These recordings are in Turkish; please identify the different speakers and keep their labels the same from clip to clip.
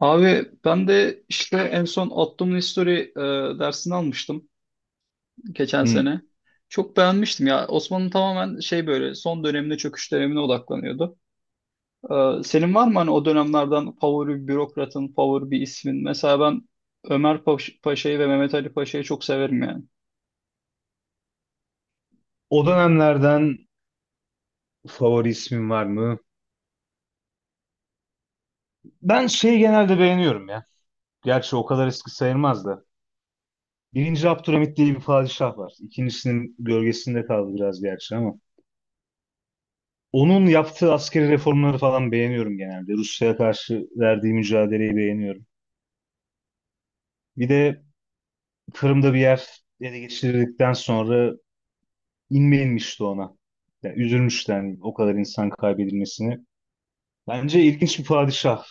Speaker 1: Abi ben de işte en son Ottoman History dersini almıştım geçen
Speaker 2: Hmm.
Speaker 1: sene. Çok beğenmiştim ya. Osmanlı tamamen şey böyle son dönemine çöküş dönemine odaklanıyordu. Senin var mı hani o dönemlerden favori bir bürokratın, favori bir ismin? Mesela ben Ömer Paşa'yı ve Mehmet Ali Paşa'yı çok severim yani.
Speaker 2: O dönemlerden favori ismin var mı? Ben şeyi genelde beğeniyorum ya. Gerçi o kadar eski sayılmaz da. Birinci Abdülhamit diye bir padişah var. İkincisinin gölgesinde kaldı biraz gerçi ama. Onun yaptığı askeri reformları falan beğeniyorum genelde. Rusya'ya karşı verdiği mücadeleyi beğeniyorum. Bir de Kırım'da bir yer ele geçirdikten sonra inme inmişti ona. Yani üzülmüştü yani o kadar insan kaybedilmesini. Bence ilginç bir padişah.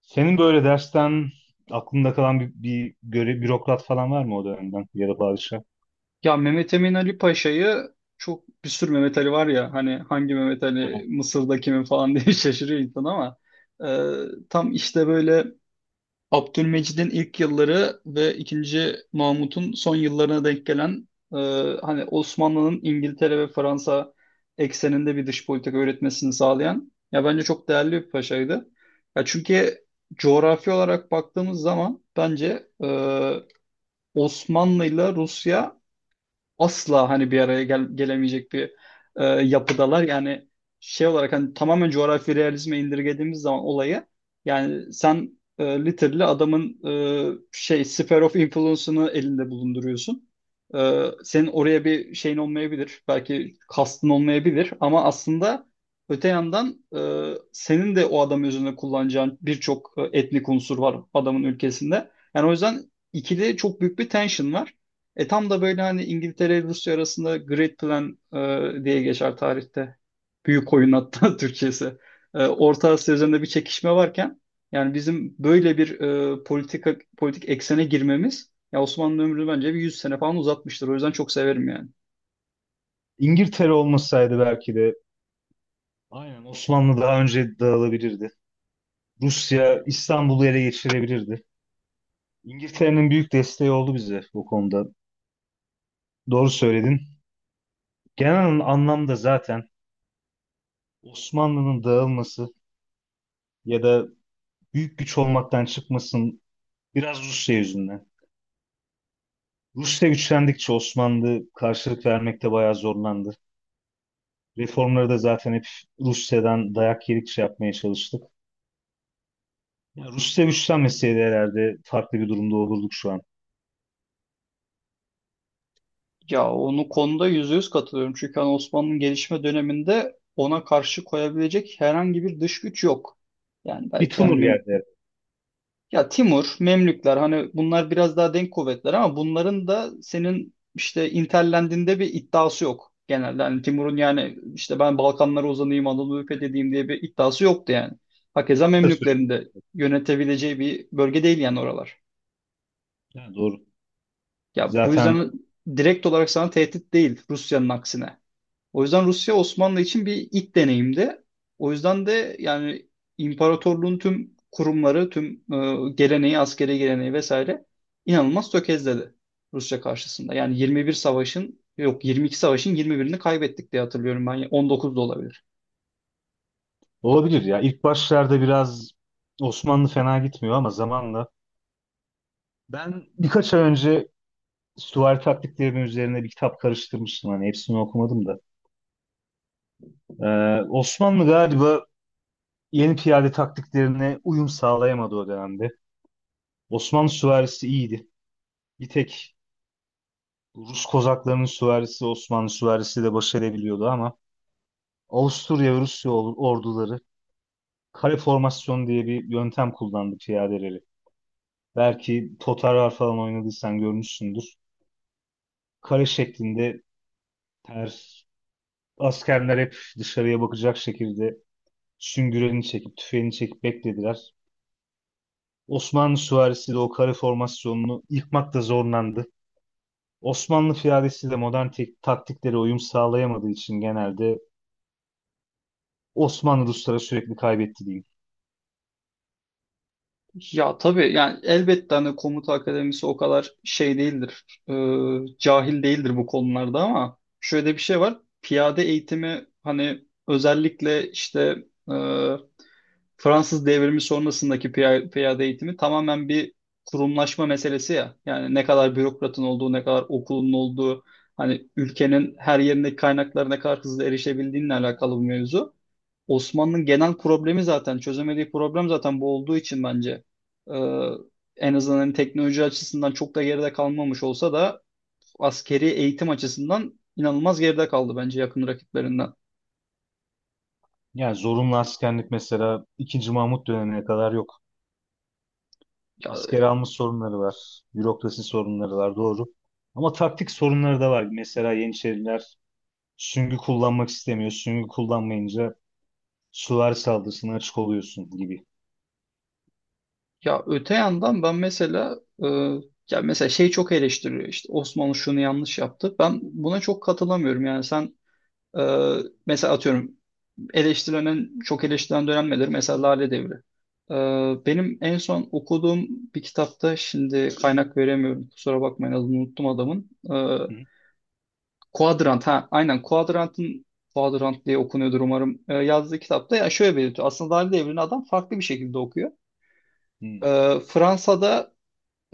Speaker 2: Senin böyle dersten aklında kalan bir bürokrat falan var mı o dönemden ya da padişah?
Speaker 1: Ya Mehmet Emin Ali Paşa'yı çok, bir sürü Mehmet Ali var ya, hani hangi Mehmet
Speaker 2: Ha.
Speaker 1: Ali, Mısır'da kimin falan diye şaşırıyor insan ama tam işte böyle Abdülmecid'in ilk yılları ve ikinci Mahmut'un son yıllarına denk gelen, hani Osmanlı'nın İngiltere ve Fransa ekseninde bir dış politika üretmesini sağlayan, ya bence çok değerli bir paşaydı. Ya çünkü coğrafi olarak baktığımız zaman bence Osmanlı ile Rusya asla hani bir araya gelemeyecek bir yapıdalar. Yani şey olarak hani tamamen coğrafi realizme indirgediğimiz zaman olayı, yani sen literally adamın şey, sphere of influence'ını elinde bulunduruyorsun. Senin oraya bir şeyin olmayabilir. Belki kastın olmayabilir ama aslında öte yandan senin de o adam üzerine kullanacağın birçok etnik unsur var adamın ülkesinde. Yani o yüzden ikili çok büyük bir tension var. Tam da böyle hani İngiltere ile Rusya arasında Great Plan diye geçer tarihte. Büyük oyun hatta Türkçesi. Orta Asya üzerinde bir çekişme varken yani bizim böyle bir politik eksene girmemiz ya, Osmanlı ömrünü bence bir 100 sene falan uzatmıştır. O yüzden çok severim yani.
Speaker 2: İngiltere olmasaydı belki de aynen Osmanlı daha önce dağılabilirdi. Rusya İstanbul'u ele geçirebilirdi. İngiltere'nin büyük desteği oldu bize bu konuda. Doğru söyledin. Genel anlamda zaten Osmanlı'nın dağılması ya da büyük güç olmaktan çıkmasın biraz Rusya yüzünden. Rusya güçlendikçe Osmanlı karşılık vermekte bayağı zorlandı. Reformları da zaten hep Rusya'dan dayak yedikçe yapmaya çalıştık. Ya Rusya güçlenmeseydi herhalde farklı bir durumda olurduk şu an.
Speaker 1: Ya onu konuda %100 katılıyorum. Çünkü hani Osmanlı'nın gelişme döneminde ona karşı koyabilecek herhangi bir dış güç yok. Yani
Speaker 2: Bir
Speaker 1: belki
Speaker 2: tumur
Speaker 1: yani.
Speaker 2: geldi.
Speaker 1: Ya Timur, Memlükler, hani bunlar biraz daha denk kuvvetler ama bunların da senin işte interlendiğinde bir iddiası yok genelde. Hani Timur'un yani işte ben Balkanlara uzanayım, Anadolu'yu fethedeyim diye bir iddiası yoktu yani. Hakeza
Speaker 2: Kısa süre.
Speaker 1: Memlüklerin de yönetebileceği bir bölge değil yani oralar.
Speaker 2: Ha, doğru.
Speaker 1: Ya bu
Speaker 2: Zaten
Speaker 1: yüzden direkt olarak sana tehdit değil, Rusya'nın aksine. O yüzden Rusya Osmanlı için bir ilk deneyimdi. O yüzden de yani imparatorluğun tüm kurumları, tüm geleneği, askeri geleneği vesaire inanılmaz tökezledi Rusya karşısında. Yani 21 savaşın, yok 22 savaşın 21'ini kaybettik diye hatırlıyorum ben. 19 da olabilir.
Speaker 2: olabilir ya. İlk başlarda biraz Osmanlı fena gitmiyor ama zamanla. Ben birkaç ay önce süvari taktiklerinin üzerine bir kitap karıştırmıştım. Hani hepsini okumadım da. Osmanlı galiba yeni piyade taktiklerine uyum sağlayamadı o dönemde. Osmanlı süvarisi iyiydi. Bir tek Rus kozaklarının süvarisi Osmanlı süvarisi de baş edebiliyordu ama Avusturya ve Rusya orduları kare formasyon diye bir yöntem kullandı piyadeleri. Belki Totarlar falan oynadıysan görmüşsündür. Kare şeklinde ters askerler hep dışarıya bakacak şekilde süngüreni çekip tüfeğini çekip beklediler. Osmanlı süvarisi de o kare formasyonunu yıkmakta zorlandı. Osmanlı piyadesi de modern taktiklere uyum sağlayamadığı için genelde Osmanlı Ruslara sürekli kaybetti diyeyim.
Speaker 1: Ya tabii yani, elbette hani komuta akademisi o kadar şey değildir, cahil değildir bu konularda, ama şöyle bir şey var. Piyade eğitimi hani özellikle işte e, Fransız devrimi sonrasındaki piyade eğitimi tamamen bir kurumlaşma meselesi ya. Yani ne kadar bürokratın olduğu, ne kadar okulun olduğu, hani ülkenin her yerindeki kaynaklara ne kadar hızlı erişebildiğinle alakalı bir mevzu. Osmanlı'nın genel problemi zaten, çözemediği problem zaten bu olduğu için bence e, en azından hani teknoloji açısından çok da geride kalmamış olsa da askeri eğitim açısından inanılmaz geride kaldı bence yakın rakiplerinden.
Speaker 2: Yani zorunlu askerlik mesela ikinci Mahmut dönemine kadar yok.
Speaker 1: Ya.
Speaker 2: Asker alma sorunları var. Bürokrasi sorunları var doğru. Ama taktik sorunları da var. Mesela Yeniçeriler süngü kullanmak istemiyor. Süngü kullanmayınca süvari saldırısına açık oluyorsun gibi.
Speaker 1: Ya öte yandan ben mesela ya mesela şey, çok eleştiriyor işte, Osmanlı şunu yanlış yaptı. Ben buna çok katılamıyorum yani. Sen e, mesela atıyorum, çok eleştirilen dönem nedir? Mesela Lale Devri. Benim en son okuduğum bir kitapta, şimdi kaynak veremiyorum kusura bakmayın, adını unuttum adamın. E,
Speaker 2: Hı
Speaker 1: Quadrant ha, aynen, Quadrant'ın, Quadrant diye okunuyordur umarım. Yazdığı kitapta ya şöyle belirtiyor. Aslında Lale Devri'ni adam farklı bir şekilde okuyor. E,
Speaker 2: hı.
Speaker 1: Fransa'da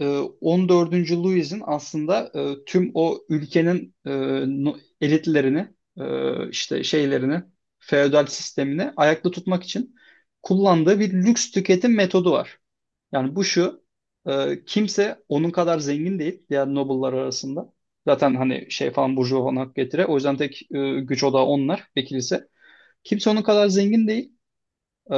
Speaker 1: e, 14. Louis'in aslında tüm o ülkenin elitlerini, işte şeylerini, feodal sistemini ayakta tutmak için kullandığı bir lüks tüketim metodu var. Yani bu şu, kimse onun kadar zengin değil diğer noble'lar arasında. Zaten hani şey falan, burjuva falan hak getire. O yüzden tek güç odağı onlar ve kilise. Kimse onun kadar zengin değil. E,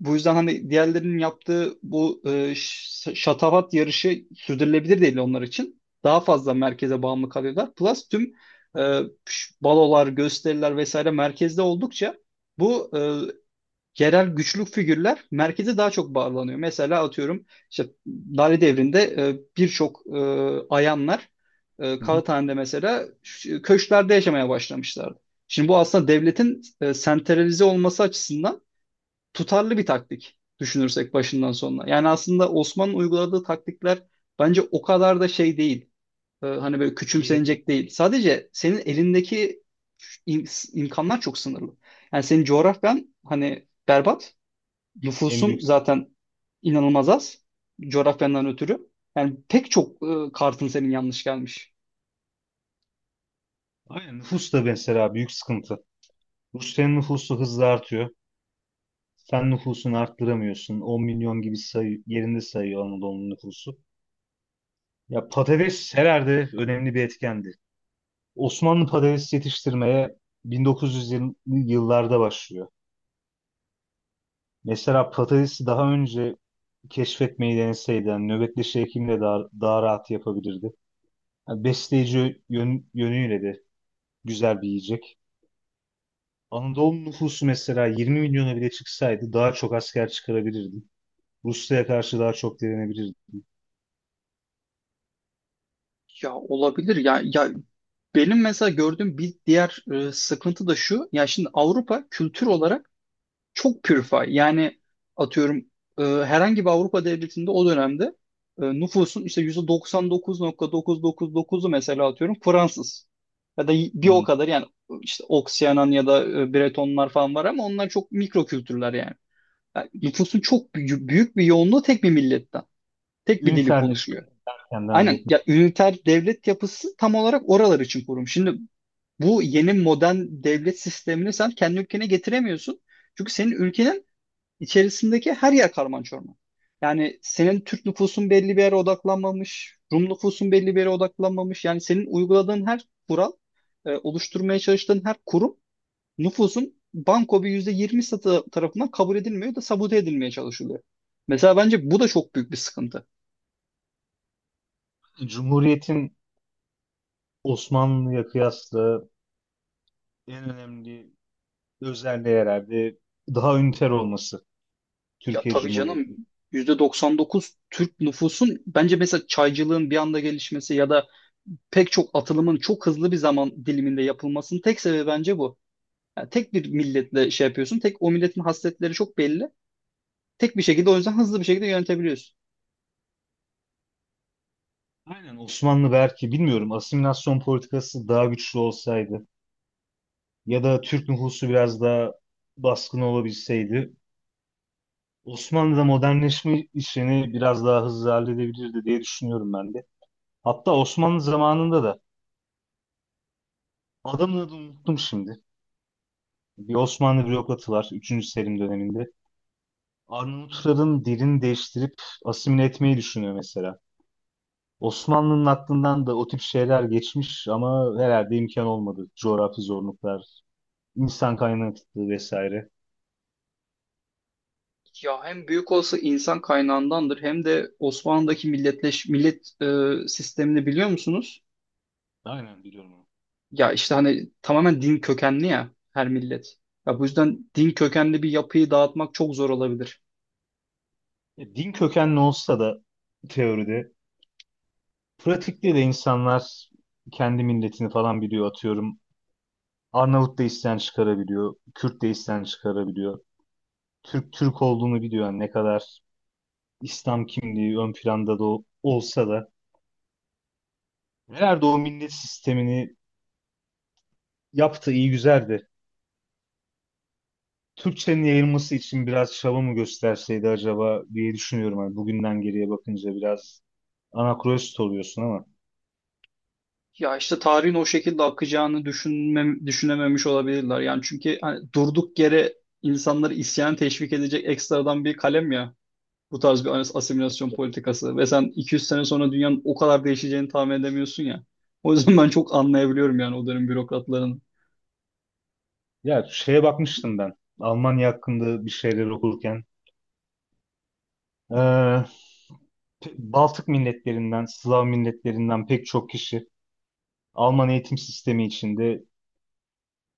Speaker 1: bu yüzden hani diğerlerinin yaptığı bu şatafat yarışı sürdürülebilir değil onlar için. Daha fazla merkeze bağımlı kalıyorlar. Plus tüm e, balolar, gösteriler vesaire merkezde oldukça bu yerel güçlük figürler merkeze daha çok bağlanıyor. Mesela atıyorum işte Lale Devri'nde birçok ayanlar
Speaker 2: Hı hı.
Speaker 1: Kağıthane'de mesela köşklerde yaşamaya başlamışlardı. Şimdi bu aslında devletin sentralize olması açısından tutarlı bir taktik, düşünürsek başından sonuna. Yani aslında Osman'ın uyguladığı taktikler bence o kadar da şey değil. Hani böyle
Speaker 2: Geri değil.
Speaker 1: küçümsenecek değil. Sadece senin elindeki imkanlar çok sınırlı. Yani senin coğrafyan hani berbat.
Speaker 2: En
Speaker 1: Nüfusun
Speaker 2: büyük.
Speaker 1: zaten inanılmaz az, coğrafyandan ötürü. Yani pek çok kartın senin yanlış gelmiş.
Speaker 2: Aynen nüfus da mesela büyük sıkıntı. Rusya'nın nüfusu hızla artıyor. Sen nüfusunu arttıramıyorsun. 10 milyon gibi sayı, yerinde sayıyor Anadolu'nun nüfusu. Ya patates herhalde önemli bir etkendi. Osmanlı patates yetiştirmeye 1920'li yıllarda başlıyor. Mesela patatesi daha önce keşfetmeyi deneseydi, yani nöbetleşi hekimle daha rahat yapabilirdi. Yani besleyici yönüyle de güzel bir yiyecek. Anadolu nüfusu mesela 20 milyona bile çıksaydı daha çok asker çıkarabilirdi. Rusya'ya karşı daha çok direnebilirdi.
Speaker 1: Ya olabilir ya benim mesela gördüğüm bir diğer sıkıntı da şu. Ya şimdi Avrupa kültür olarak çok pürfay. Yani atıyorum, herhangi bir Avrupa devletinde o dönemde nüfusun işte %99.999'u mesela atıyorum Fransız. Ya da bir o
Speaker 2: Hmm.
Speaker 1: kadar yani, işte Oksiyanan ya da Bretonlar falan var ama onlar çok mikro kültürler yani. Yani nüfusun çok, büyük, büyük bir yoğunluğu tek bir milletten. Tek bir dili konuşuyor.
Speaker 2: Ünferleşmeyi erken devam
Speaker 1: Aynen
Speaker 2: etmiş.
Speaker 1: ya, üniter devlet yapısı tam olarak oralar için kurulmuş. Şimdi bu yeni modern devlet sistemini sen kendi ülkene getiremiyorsun. Çünkü senin ülkenin İçerisindeki her yer karman çorman. Yani senin Türk nüfusun belli bir yere odaklanmamış, Rum nüfusun belli bir yere odaklanmamış. Yani senin uyguladığın her kural, oluşturmaya çalıştığın her kurum nüfusun banko bir %20 satı tarafından kabul edilmiyor, da sabote edilmeye çalışılıyor. Mesela bence bu da çok büyük bir sıkıntı.
Speaker 2: Cumhuriyet'in Osmanlı'ya kıyasla en önemli özelliği herhalde daha üniter olması
Speaker 1: Ya
Speaker 2: Türkiye
Speaker 1: tabii canım,
Speaker 2: Cumhuriyeti'nin.
Speaker 1: %99 Türk nüfusun bence, mesela çaycılığın bir anda gelişmesi ya da pek çok atılımın çok hızlı bir zaman diliminde yapılmasının tek sebebi bence bu. Yani tek bir milletle şey yapıyorsun. Tek o milletin hasletleri çok belli. Tek bir şekilde, o yüzden hızlı bir şekilde yönetebiliyorsun.
Speaker 2: Aynen Osmanlı belki bilmiyorum asimilasyon politikası daha güçlü olsaydı ya da Türk nüfusu biraz daha baskın olabilseydi Osmanlı'da modernleşme işini biraz daha hızlı halledebilirdi diye düşünüyorum ben de. Hatta Osmanlı zamanında da adamın adını unuttum şimdi. Bir Osmanlı bürokratı var üçüncü Selim döneminde. Arnavutların dilini değiştirip asimile etmeyi düşünüyor mesela. Osmanlı'nın aklından da o tip şeyler geçmiş ama herhalde imkan olmadı. Coğrafi zorluklar, insan kaynaklı vesaire.
Speaker 1: Ya hem büyük olası insan kaynağındandır, hem de Osmanlı'daki millet sistemini biliyor musunuz?
Speaker 2: Aynen biliyorum onu.
Speaker 1: Ya işte hani tamamen din kökenli ya her millet. Ya bu yüzden din kökenli bir yapıyı dağıtmak çok zor olabilir.
Speaker 2: Din kökenli olsa da teoride, pratikte de insanlar kendi milletini falan biliyor atıyorum. Arnavut da isten çıkarabiliyor, Kürt de isten çıkarabiliyor. Türk Türk olduğunu biliyor yani ne kadar İslam kimliği ön planda da olsa da. Herhalde o millet sistemini yaptı iyi güzel de Türkçenin yayılması için biraz çaba mı gösterseydi acaba diye düşünüyorum. Hani bugünden geriye bakınca biraz anakronist oluyorsun ama.
Speaker 1: Ya işte tarihin o şekilde akacağını düşünememiş olabilirler. Yani çünkü hani durduk yere insanları isyan teşvik edecek ekstradan bir kalem ya, bu tarz bir asimilasyon politikası. Ve sen 200 sene sonra dünyanın o kadar değişeceğini tahmin edemiyorsun ya. O yüzden ben çok anlayabiliyorum yani o dönem bürokratların.
Speaker 2: Ya şeye bakmıştım ben. Almanya hakkında bir şeyler okurken. Ee, Baltık milletlerinden, Slav milletlerinden pek çok kişi Alman eğitim sistemi içinde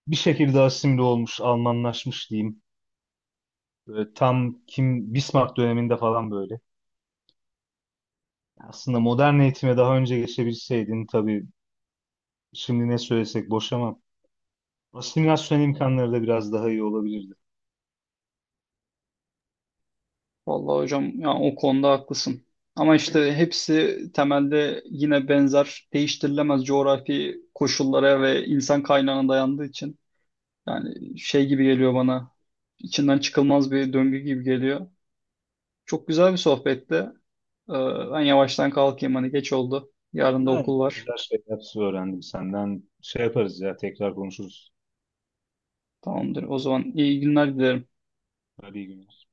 Speaker 2: bir şekilde asimile olmuş, Almanlaşmış diyeyim. Böyle tam kim Bismarck döneminde falan böyle. Aslında modern eğitime daha önce geçebilseydin tabii şimdi ne söylesek boş ama asimilasyon imkanları da biraz daha iyi olabilirdi.
Speaker 1: Vallahi hocam yani o konuda haklısın. Ama işte hepsi temelde yine benzer, değiştirilemez coğrafi koşullara ve insan kaynağına dayandığı için, yani şey gibi geliyor bana, içinden çıkılmaz bir döngü gibi geliyor. Çok güzel bir sohbetti. Ee, ben yavaştan kalkayım, hani geç oldu, yarın da okul
Speaker 2: Yani
Speaker 1: var.
Speaker 2: güzel şeyler öğrendim senden. Şey yaparız ya tekrar konuşuruz.
Speaker 1: Tamamdır, o zaman iyi günler dilerim.
Speaker 2: Hadi iyi günler.